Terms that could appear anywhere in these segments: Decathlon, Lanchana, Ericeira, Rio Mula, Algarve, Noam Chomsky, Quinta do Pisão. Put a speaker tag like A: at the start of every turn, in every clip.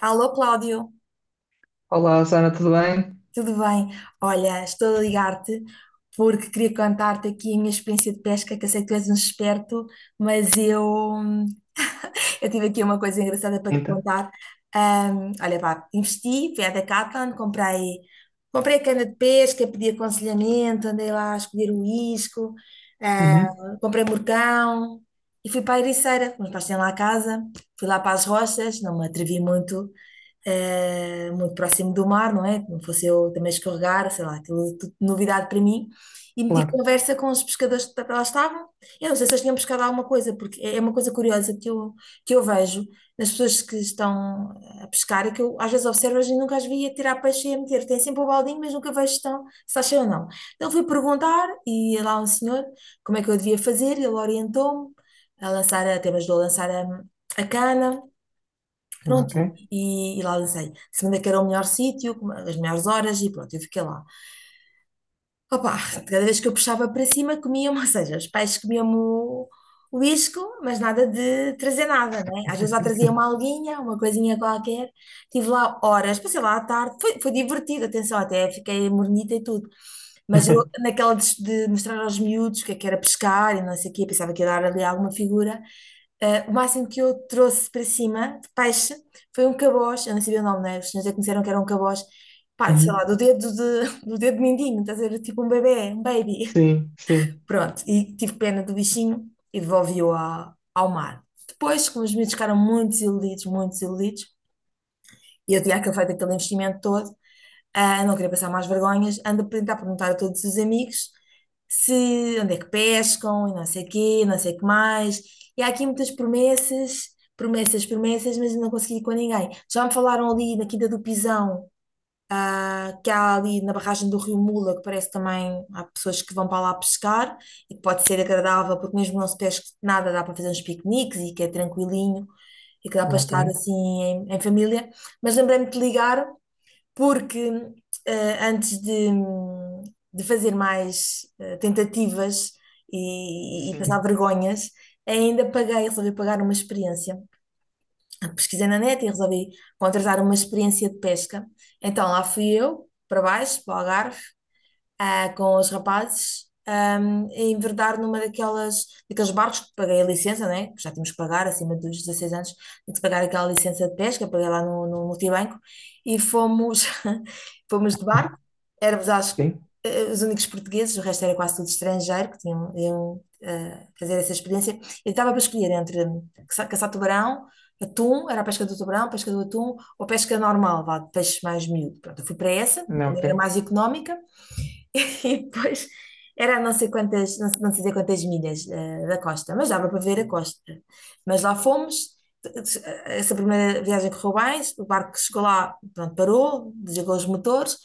A: Alô, Cláudio,
B: Olá, Sana, tudo bem?
A: tudo bem? Olha, estou a ligar-te porque queria contar-te aqui a minha experiência de pesca, que eu sei que tu és um esperto, mas eu tive aqui uma coisa engraçada para te
B: Então,
A: contar. Olha, pá, investi, fui à Decathlon, comprei a cana de pesca, pedi aconselhamento, andei lá a escolher o isco, ah,
B: uhum,
A: comprei morcão e fui para a Ericeira. Meus pais têm lá a casa, fui lá para as rochas, não me atrevi muito próximo do mar, não é? Não fosse eu também escorregar, sei lá, aquilo tudo novidade para mim. E meti
B: claro,
A: conversa com os pescadores que lá estavam. Eu não sei se eles tinham pescado alguma coisa, porque é uma coisa curiosa que eu vejo nas pessoas que estão a pescar, é que eu às vezes observo e nunca as vi a tirar peixe e a meter. Tem sempre o baldinho, mas nunca vejo se está cheio ou não. Então fui perguntar e lá um senhor como é que eu devia fazer, ele orientou-me a lançar, até me ajudou a lançar a cana. Pronto,
B: ok.
A: e lá lancei. Segunda que era o melhor sítio, com as melhores horas, e pronto, eu fiquei lá. Opa, cada vez que eu puxava para cima, comiam-me, ou seja, os pais comiam-me o isco, mas nada de trazer nada, né? Às vezes lá trazia uma alguinha, uma coisinha qualquer. Tive lá horas, passei lá à tarde, foi divertido, atenção, até fiquei mornita e tudo. Mas eu, naquela de mostrar aos miúdos o que é que era pescar e não sei o quê, eu pensava que ia dar ali alguma figura. O máximo que eu trouxe para cima de peixe foi um caboz, eu não sabia o nome, né? Os senhores já conheceram que era um caboz, pá, sei lá,
B: Uhum,
A: do dedo de, do dedo mindinho, estás a ver, tipo um bebê, um baby.
B: sim, sim,
A: Pronto, e tive pena do bichinho e devolvi-o ao mar. Depois, como os miúdos ficaram muito desiludidos, e eu tinha feito aquele investimento todo, não queria passar mais vergonhas, ando a tentar perguntar a todos os amigos se onde é que pescam e não sei quê, não sei o que mais. E há aqui muitas promessas, promessas, promessas, mas eu não consegui ir com ninguém. Já me falaram ali na Quinta do Pisão, que há ali na barragem do Rio Mula, que parece também há pessoas que vão para lá pescar e que pode ser agradável, porque mesmo não se pesca nada, dá para fazer uns piqueniques e que é tranquilinho e que dá para
B: ok.
A: estar assim em família. Mas lembrei-me de te ligar porque antes de fazer mais tentativas e passar
B: Sim,
A: vergonhas, ainda paguei, resolvi pagar uma experiência, pesquisei na net e resolvi contratar uma experiência de pesca. Então lá fui eu, para baixo, para o Algarve, com os rapazes, a enverdar daqueles barcos, que paguei a licença, né? Que já tínhamos que pagar acima dos 16 anos, tinha que pagar aquela licença de pesca, paguei lá no multibanco, e fomos, fomos de barco, éramos acho, que,
B: sim,
A: eh, os únicos portugueses, o resto era quase tudo estrangeiro, que tinham, iam fazer essa experiência, e estava para escolher entre caçar tubarão, Atum, era a pesca do tubarão, pesca do atum ou pesca normal, vá, de peixe mais miúdo. Pronto, eu fui para essa,
B: não,
A: também era
B: ok.
A: mais económica. E depois era não sei quantas, não sei, não sei dizer quantas milhas da costa, mas dava para ver a costa. Mas lá fomos, essa primeira viagem correu bem, o barco chegou lá, pronto, parou, desligou os motores,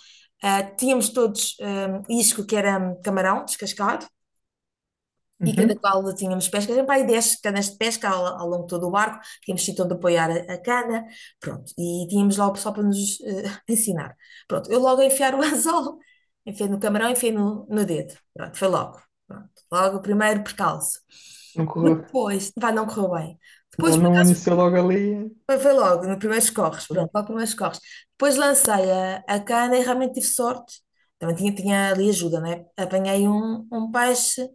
A: tínhamos todos isco que era camarão descascado, e cada
B: Uhum,
A: qual tínhamos pescas, sempre aí 10 canas de pesca ao, ao longo de todo o barco, tínhamos sítio onde apoiar a cana, pronto, e tínhamos lá o pessoal para nos ensinar. Pronto, eu logo a enfiar o anzol, enfiei no camarão, enfiei no dedo, pronto, foi logo, pronto, logo o primeiro percalço.
B: não correu,
A: Depois, vai, não correu bem. Depois
B: não, não iniciou logo ali.
A: foi, foi logo, no primeiro corres, pronto, logo primeiros corres. Depois lancei a cana e realmente tive sorte. Também tinha ali ajuda, né? Apanhei um peixe,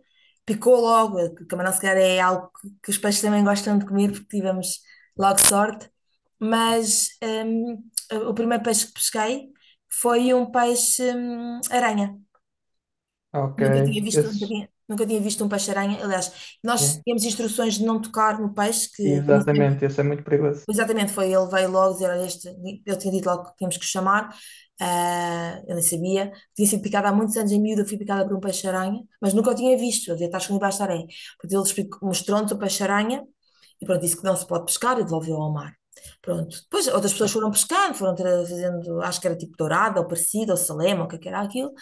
A: picou logo, que camarão se calhar é algo que os peixes também gostam de comer, porque tivemos logo sorte. Mas hum, o primeiro peixe que pesquei foi um peixe aranha.
B: Ok, esses,
A: Nunca tinha visto um peixe-aranha. Aliás, nós
B: é,
A: tínhamos instruções de não tocar no peixe. Que
B: exatamente, esse é muito perigoso.
A: Exatamente, foi ele veio logo dizer, olha, este, eu tinha dito logo que tínhamos que o chamar, eu nem sabia, tinha sido picada há muitos anos em miúdo, eu fui picada por um peixe-aranha, mas nunca o tinha visto, eu devia estar escondido baixo da areia, porque ele mostrou-nos o peixe-aranha, e pronto, disse que não se pode pescar e devolveu ao mar. Pronto, depois outras pessoas
B: É.
A: foram pescar foram fazendo, acho que era tipo dourada, ou parecida, ou salema, ou o que é que era aquilo,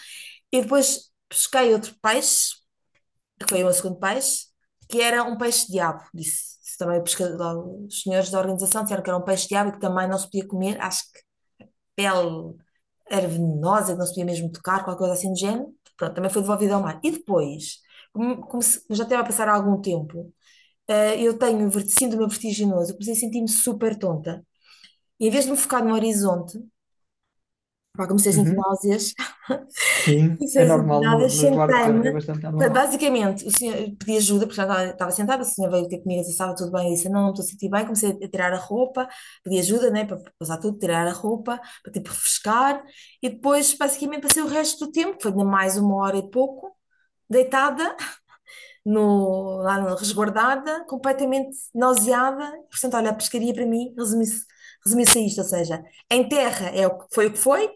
A: e depois pesquei outro peixe, que foi o meu segundo peixe, que era um peixe-diabo, disse também o pescador, os senhores da organização disseram que era um peixe-diabo e que também não se podia comer, acho que pele era venenosa, que não se podia mesmo tocar, qualquer coisa assim do género. Pronto, também foi devolvido ao mar. E depois, como já estava a passar há algum tempo, eu tenho síndrome vertiginoso, comecei a sentir-me super tonta. E em vez de me focar no horizonte, pá, comecei a sentir
B: Uhum,
A: náuseas,
B: sim, é
A: pessoas
B: normal,
A: envenenadas,
B: nos barcos é, é
A: sentei-me.
B: bastante normal.
A: Basicamente, o senhor pedi ajuda, porque já estava, estava sentada, o senhor veio ter comigo e disse, estava tudo bem, eu disse, não, não estou a sentir bem, comecei a tirar a roupa, pedi ajuda, né, para passar tudo, tirar a roupa, para tipo refrescar, e depois basicamente passei o resto do tempo, que foi de mais uma hora e pouco, deitada, no, lá no- resguardada, completamente nauseada, portanto, olha, a pescaria para mim resumiu-se a isto, ou seja, em terra é o que foi,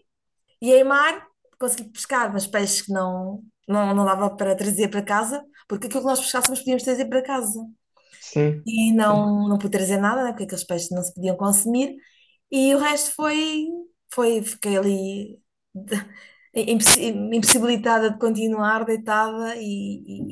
A: e em mar, consegui pescar, mas peixes que não dava para trazer para casa, porque aquilo que nós pescássemos podíamos trazer para casa,
B: Sim,
A: e
B: sim.
A: não, não pude trazer nada, né, porque aqueles peixes não se podiam consumir, e o resto foi, foi, fiquei ali de- impossibilitada de continuar, deitada, e,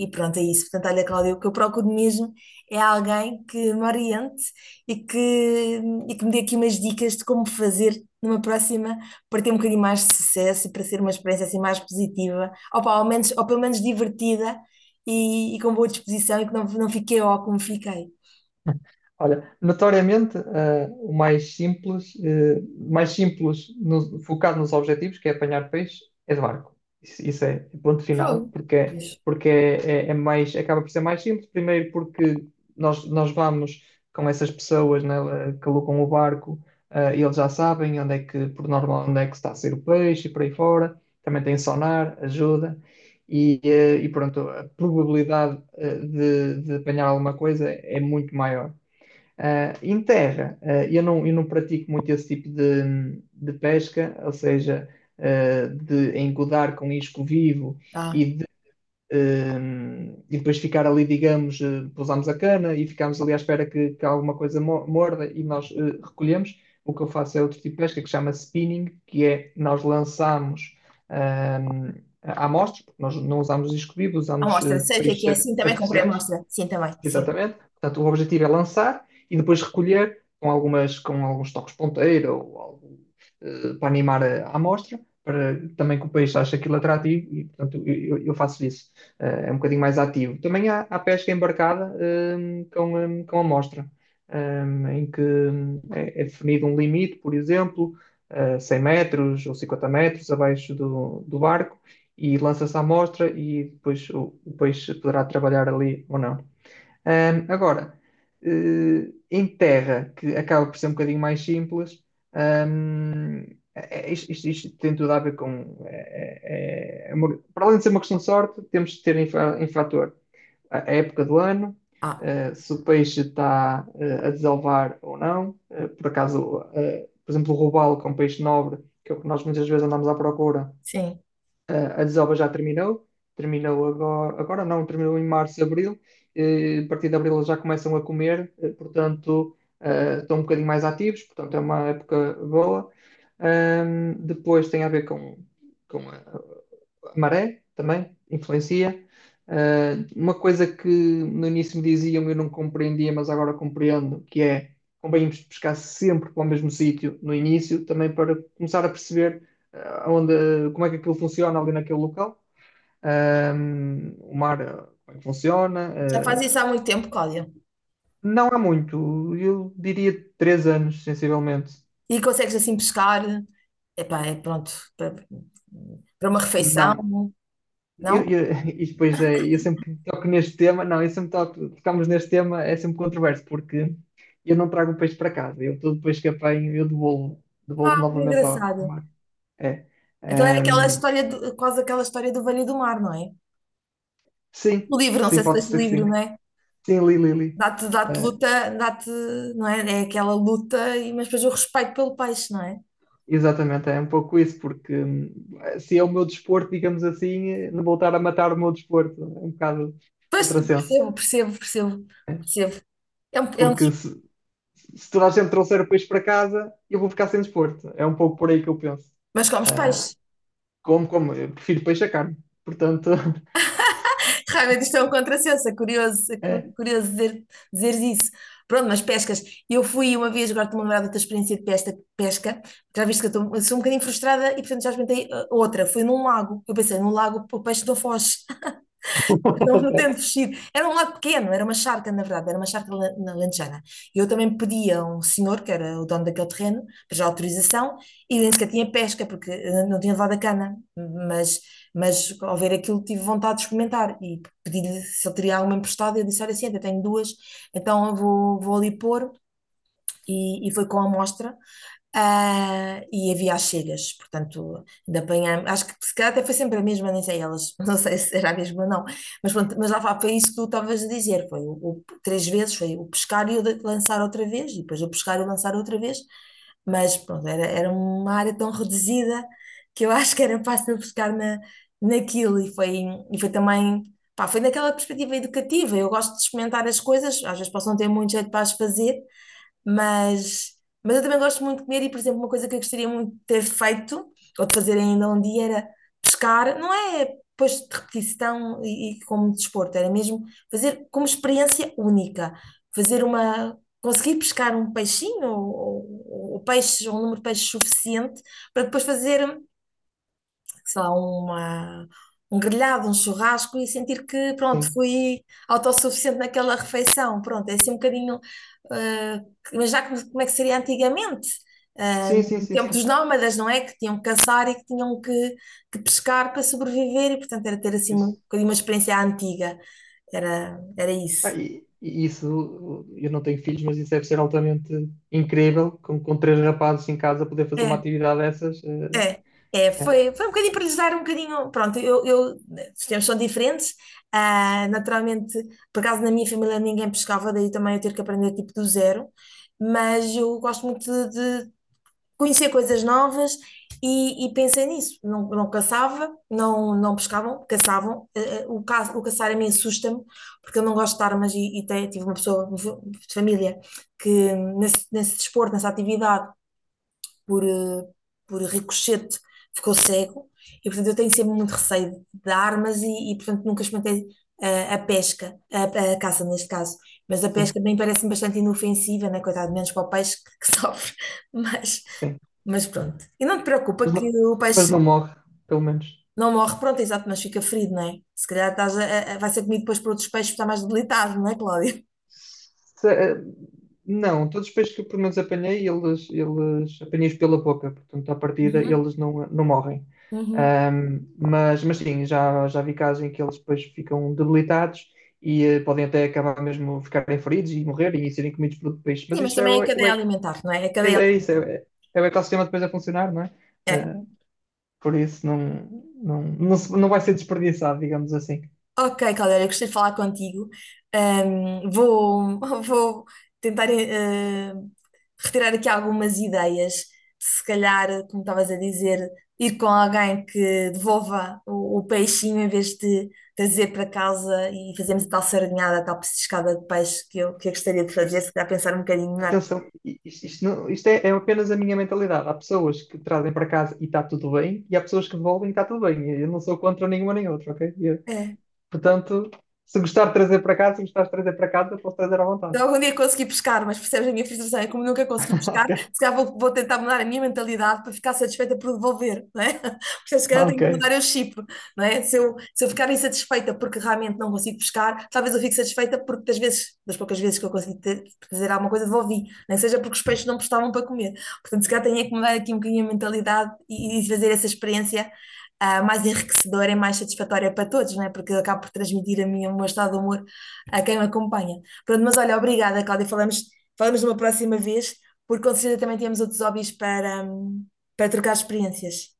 A: e- e pronto, é isso. Portanto, olha, Cláudia, o que eu procuro mesmo é alguém que me oriente e que, e que me dê aqui umas dicas de como fazer numa próxima para ter um bocadinho mais de sucesso e para ser uma experiência assim mais positiva, ou, pá, ao menos, ou pelo menos divertida e com boa disposição e que não, não fiquei ó como fiquei.
B: Olha, notoriamente, o mais simples, mais simples focado nos objetivos, que é apanhar peixe, é de barco. Isso é ponto final,
A: Fogo.
B: porque,
A: Pois.
B: porque é, é mais, acaba por ser mais simples. Primeiro porque nós vamos com essas pessoas, né, que alugam o barco, e eles já sabem onde é que, por norma onde é que está a ser o peixe e por aí fora. Também tem sonar, ajuda. E, e pronto, a probabilidade de apanhar alguma coisa é muito maior. Ah, em terra, ah, eu não pratico muito esse tipo de pesca, ou seja, ah, de engodar com isco vivo e,
A: Ah.
B: de, ah, e depois ficar ali, digamos, ah, pousamos a cana e ficamos ali à espera que alguma coisa morda e nós ah, recolhemos. O que eu faço é outro tipo de pesca que chama spinning, que é nós lançamos ah, amostras, porque nós não usamos isco vivo, usamos
A: Amostra.
B: ah,
A: Sei o que é que é.
B: peixes
A: Sim, também comprei
B: artificiais.
A: amostra. Sim, também. Sim.
B: Exatamente. Portanto, o objetivo é lançar e depois recolher com algumas, com alguns toques ponteira ou algo para animar a amostra, para também que o peixe ache aquilo atrativo e, portanto, eu faço isso. Eh, é um bocadinho mais ativo. Também há, há pesca embarcada com, com amostra, eh, em que é, é definido um limite, por exemplo, 100 metros ou 50 metros abaixo do, do barco. E lança-se a amostra e depois o peixe poderá trabalhar ali ou não. Agora, em terra, que acaba por ser um bocadinho mais simples, ahm, isto, isto tem tudo a ver com. É uma- para além de ser uma questão de sorte, temos de ter em, em fator a época do ano,
A: Ah,
B: se o peixe está a desalvar ou não. Eh, por acaso, por exemplo, o robalo, que é um peixe nobre, que é o que nós muitas vezes andamos à procura,
A: sim.
B: a desova já terminou, terminou agora, agora não, terminou em março, abril, a partir de abril eles já começam a comer, portanto, estão um bocadinho mais ativos, portanto, é uma época boa. Depois tem a ver com a maré também influencia. Ah, uma coisa que no início me diziam e eu não compreendia, mas agora compreendo, que é convém irmos pescar sempre para o mesmo sítio no início, também para começar a perceber ah, onde, como é que aquilo funciona ali naquele local, ah, o mar, ah, como é que funciona.
A: Já faz isso
B: Ah,
A: há muito tempo, Cláudia.
B: não há muito, eu diria três anos, sensivelmente.
A: E consegues assim pescar. Epá, é pronto. Para, para uma
B: Não.
A: refeição,
B: Eu,
A: não?
B: e depois é, eu sempre que toco neste tema, não, eu sempre toco, tocamos neste tema, é sempre controverso, porque eu não trago o peixe para casa, eu todo o peixe que apanho, eu devolvo, devolvo
A: Ah, que
B: novamente ao, ao
A: engraçado.
B: mar. É.
A: Então é aquela
B: Ehm,
A: história, do, quase aquela história do Velho e do Mar, não é?
B: sim,
A: O livro, não
B: sim,
A: sei se
B: pode
A: leste o
B: ser que
A: livro,
B: sim.
A: não é?
B: Sim, li, li, li.
A: Dá-te, dá-te
B: Eh,
A: luta, dá-te, não é? É aquela luta, mas depois o respeito pelo peixe, não é?
B: exatamente, é um pouco isso, porque se é o meu desporto, digamos assim, não voltar a matar o meu desporto, é um bocado
A: Pois,
B: contrassenso.
A: percebo, percebo, percebo,
B: É.
A: percebo. É um.
B: Porque se toda a gente trouxer o peixe para casa, eu vou ficar sem desporto. É um pouco por aí que eu penso.
A: Mas comes
B: Ah,
A: peixe.
B: como, como? Eu prefiro peixe a carne. Portanto,
A: Realmente isto é um contrassenso, é curioso, é
B: é.
A: curioso dizer, dizeres isso. Pronto, mas pescas. Eu fui uma vez, agora estou-me a lembrar da tua experiência de pesca, pesca. Já viste que eu, eu sou um bocadinho frustrada e, portanto, já experimentei outra. Foi num lago. Eu pensei, num lago o peixe não foge. Não, não tendo vestido. Era um lado pequeno, era uma charca, na verdade, era uma charca na Lanchana. E eu também pedi a um senhor, que era o dono daquele terreno, para já autorização, e nem sequer tinha pesca, porque não tinha levado a cana. Mas, mas ao ver aquilo, tive vontade de experimentar. E pedi-lhe se ele teria alguma emprestada. E ele disse: Olha, sim, eu tenho duas, então eu vou, vou ali pôr. E foi com a amostra. E havia as cegas, portanto, de apanhar. Acho que se calhar até foi sempre a mesma, nem sei elas, não sei se era a mesma ou não, mas pronto, mas foi isso que tu estavas a dizer, foi três vezes, foi o pescar e o lançar outra vez, e depois o pescar e o lançar outra vez, mas pronto, era uma área tão reduzida que eu acho que era fácil pescar naquilo, e foi também, pá, foi naquela perspectiva educativa. Eu gosto de experimentar as coisas, às vezes posso não ter muito jeito para as fazer, mas, mas eu também gosto muito de comer. E, por exemplo, uma coisa que eu gostaria muito de ter feito, ou de fazer ainda um dia, era pescar. Não é depois de repetição e como desporto, era mesmo fazer como experiência única. Fazer uma. Conseguir pescar um peixinho ou peixes, ou um número de peixes suficiente para depois fazer, sei lá, uma, um grelhado, um churrasco, e sentir que, pronto,
B: Sim,
A: fui autossuficiente naquela refeição. Pronto, é assim um bocadinho. eh, mas já como, como é que seria antigamente?
B: sim, sim,
A: No
B: sim,
A: tempo dos
B: sim.
A: nómadas, não é? Que tinham que caçar e que tinham que pescar para sobreviver e, portanto, era ter assim um
B: Isso.
A: bocadinho uma experiência antiga. Era, era
B: Ah,
A: isso.
B: e isso, eu não tenho filhos, mas isso deve ser altamente incrível, com três rapazes em casa poder fazer uma
A: É.
B: atividade dessas. Eh,
A: É, é,
B: é,
A: foi, foi um bocadinho para lhes dar um bocadinho. Pronto, os tempos são diferentes. Ah, naturalmente, por acaso na minha família ninguém pescava, daí também eu ter que aprender tipo do zero. Mas eu gosto muito de, de conhecer coisas novas e pensei nisso. Não, não caçava, não, não pescavam, caçavam. O caçar a mim assusta-me, porque eu não gosto de armas e, tive uma pessoa de família que nesse desporto, nessa atividade por, eh, por ricochete, ficou cego. E, portanto, eu tenho sempre muito receio de armas e, portanto, nunca experimentei a pesca, a caça neste caso. Mas a
B: sim,
A: pesca também parece-me bastante inofensiva, né? Coitado, menos para o peixe que sofre. Mas,
B: sim.
A: mas pronto. E não te preocupa
B: Mas
A: que
B: não,
A: o
B: mas
A: peixe
B: não morre, pelo menos.
A: não morre, pronto, exato, mas fica ferido, não é? Se calhar vai ser comido depois por outros peixes, está mais debilitado, não é, Cláudia?
B: Se- eh, não, todos os peixes que eu pelo menos apanhei, eles apanhei-os pela boca, portanto, à partida,
A: Uhum.
B: eles não, não morrem.
A: Uhum.
B: Mas sim, já, já vi casos em que eles depois ficam debilitados e podem até acabar mesmo ficarem feridos e morrerem e serem comidos por outro peixe. Mas
A: Sim, mas
B: isso é,
A: também é a
B: é,
A: cadeia alimentar, não é? A
B: é,
A: cadeia,
B: é isso, é, é o ecossistema depois a funcionar, não é?
A: é.
B: Ah, por isso não, não, não, não vai ser desperdiçado, digamos assim.
A: Ok, Caldera, gostei de falar contigo. Vou, vou tentar retirar aqui algumas ideias. Se calhar, como estavas a dizer, ir com alguém que devolva o peixinho em vez de trazer para casa e fazermos a tal sardinhada, a tal petiscada de peixe que eu gostaria de fazer, se calhar pensar um bocadinho
B: Atenção, isto, isto isto é, é apenas a minha mentalidade. Há pessoas que trazem para casa e está tudo bem, e há pessoas que devolvem e está tudo bem. Eu não sou contra nenhuma nem outra, ok? Eu-
A: melhor.
B: portanto, se gostar de trazer para casa, se gostar de trazer para casa, posso trazer à vontade.
A: Se algum dia conseguir pescar, mas percebes a minha frustração, é como nunca consegui pescar,
B: Ok,
A: se calhar vou tentar mudar a minha mentalidade para ficar satisfeita por devolver, não é? Porque se calhar tenho
B: ok.
A: que mudar eu o chip, não é? Se eu ficar insatisfeita porque realmente não consigo pescar, talvez eu fique satisfeita porque das vezes, das poucas vezes que eu consegui ter, fazer alguma coisa, devolvi, nem seja porque os peixes não prestavam para comer. Portanto, se calhar tenho é que mudar aqui um bocadinho a mentalidade e fazer essa experiência mais enriquecedora e mais satisfatória para todos, não é? Porque eu acabo por transmitir a minha, o meu estado de humor a quem me acompanha. Pronto, mas olha, obrigada, Cláudia. Falamos, falamos numa próxima vez, porque com certeza também temos outros hobbies para, para trocar experiências.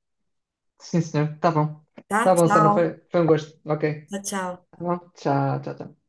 B: Sim, senhor. Tá bom.
A: Tá?
B: Tá bom, Sana.
A: Tchau.
B: Foi, foi um gosto. Ok.
A: Tchau, tchau.
B: Tá bom. Tchau, tchau, tchau.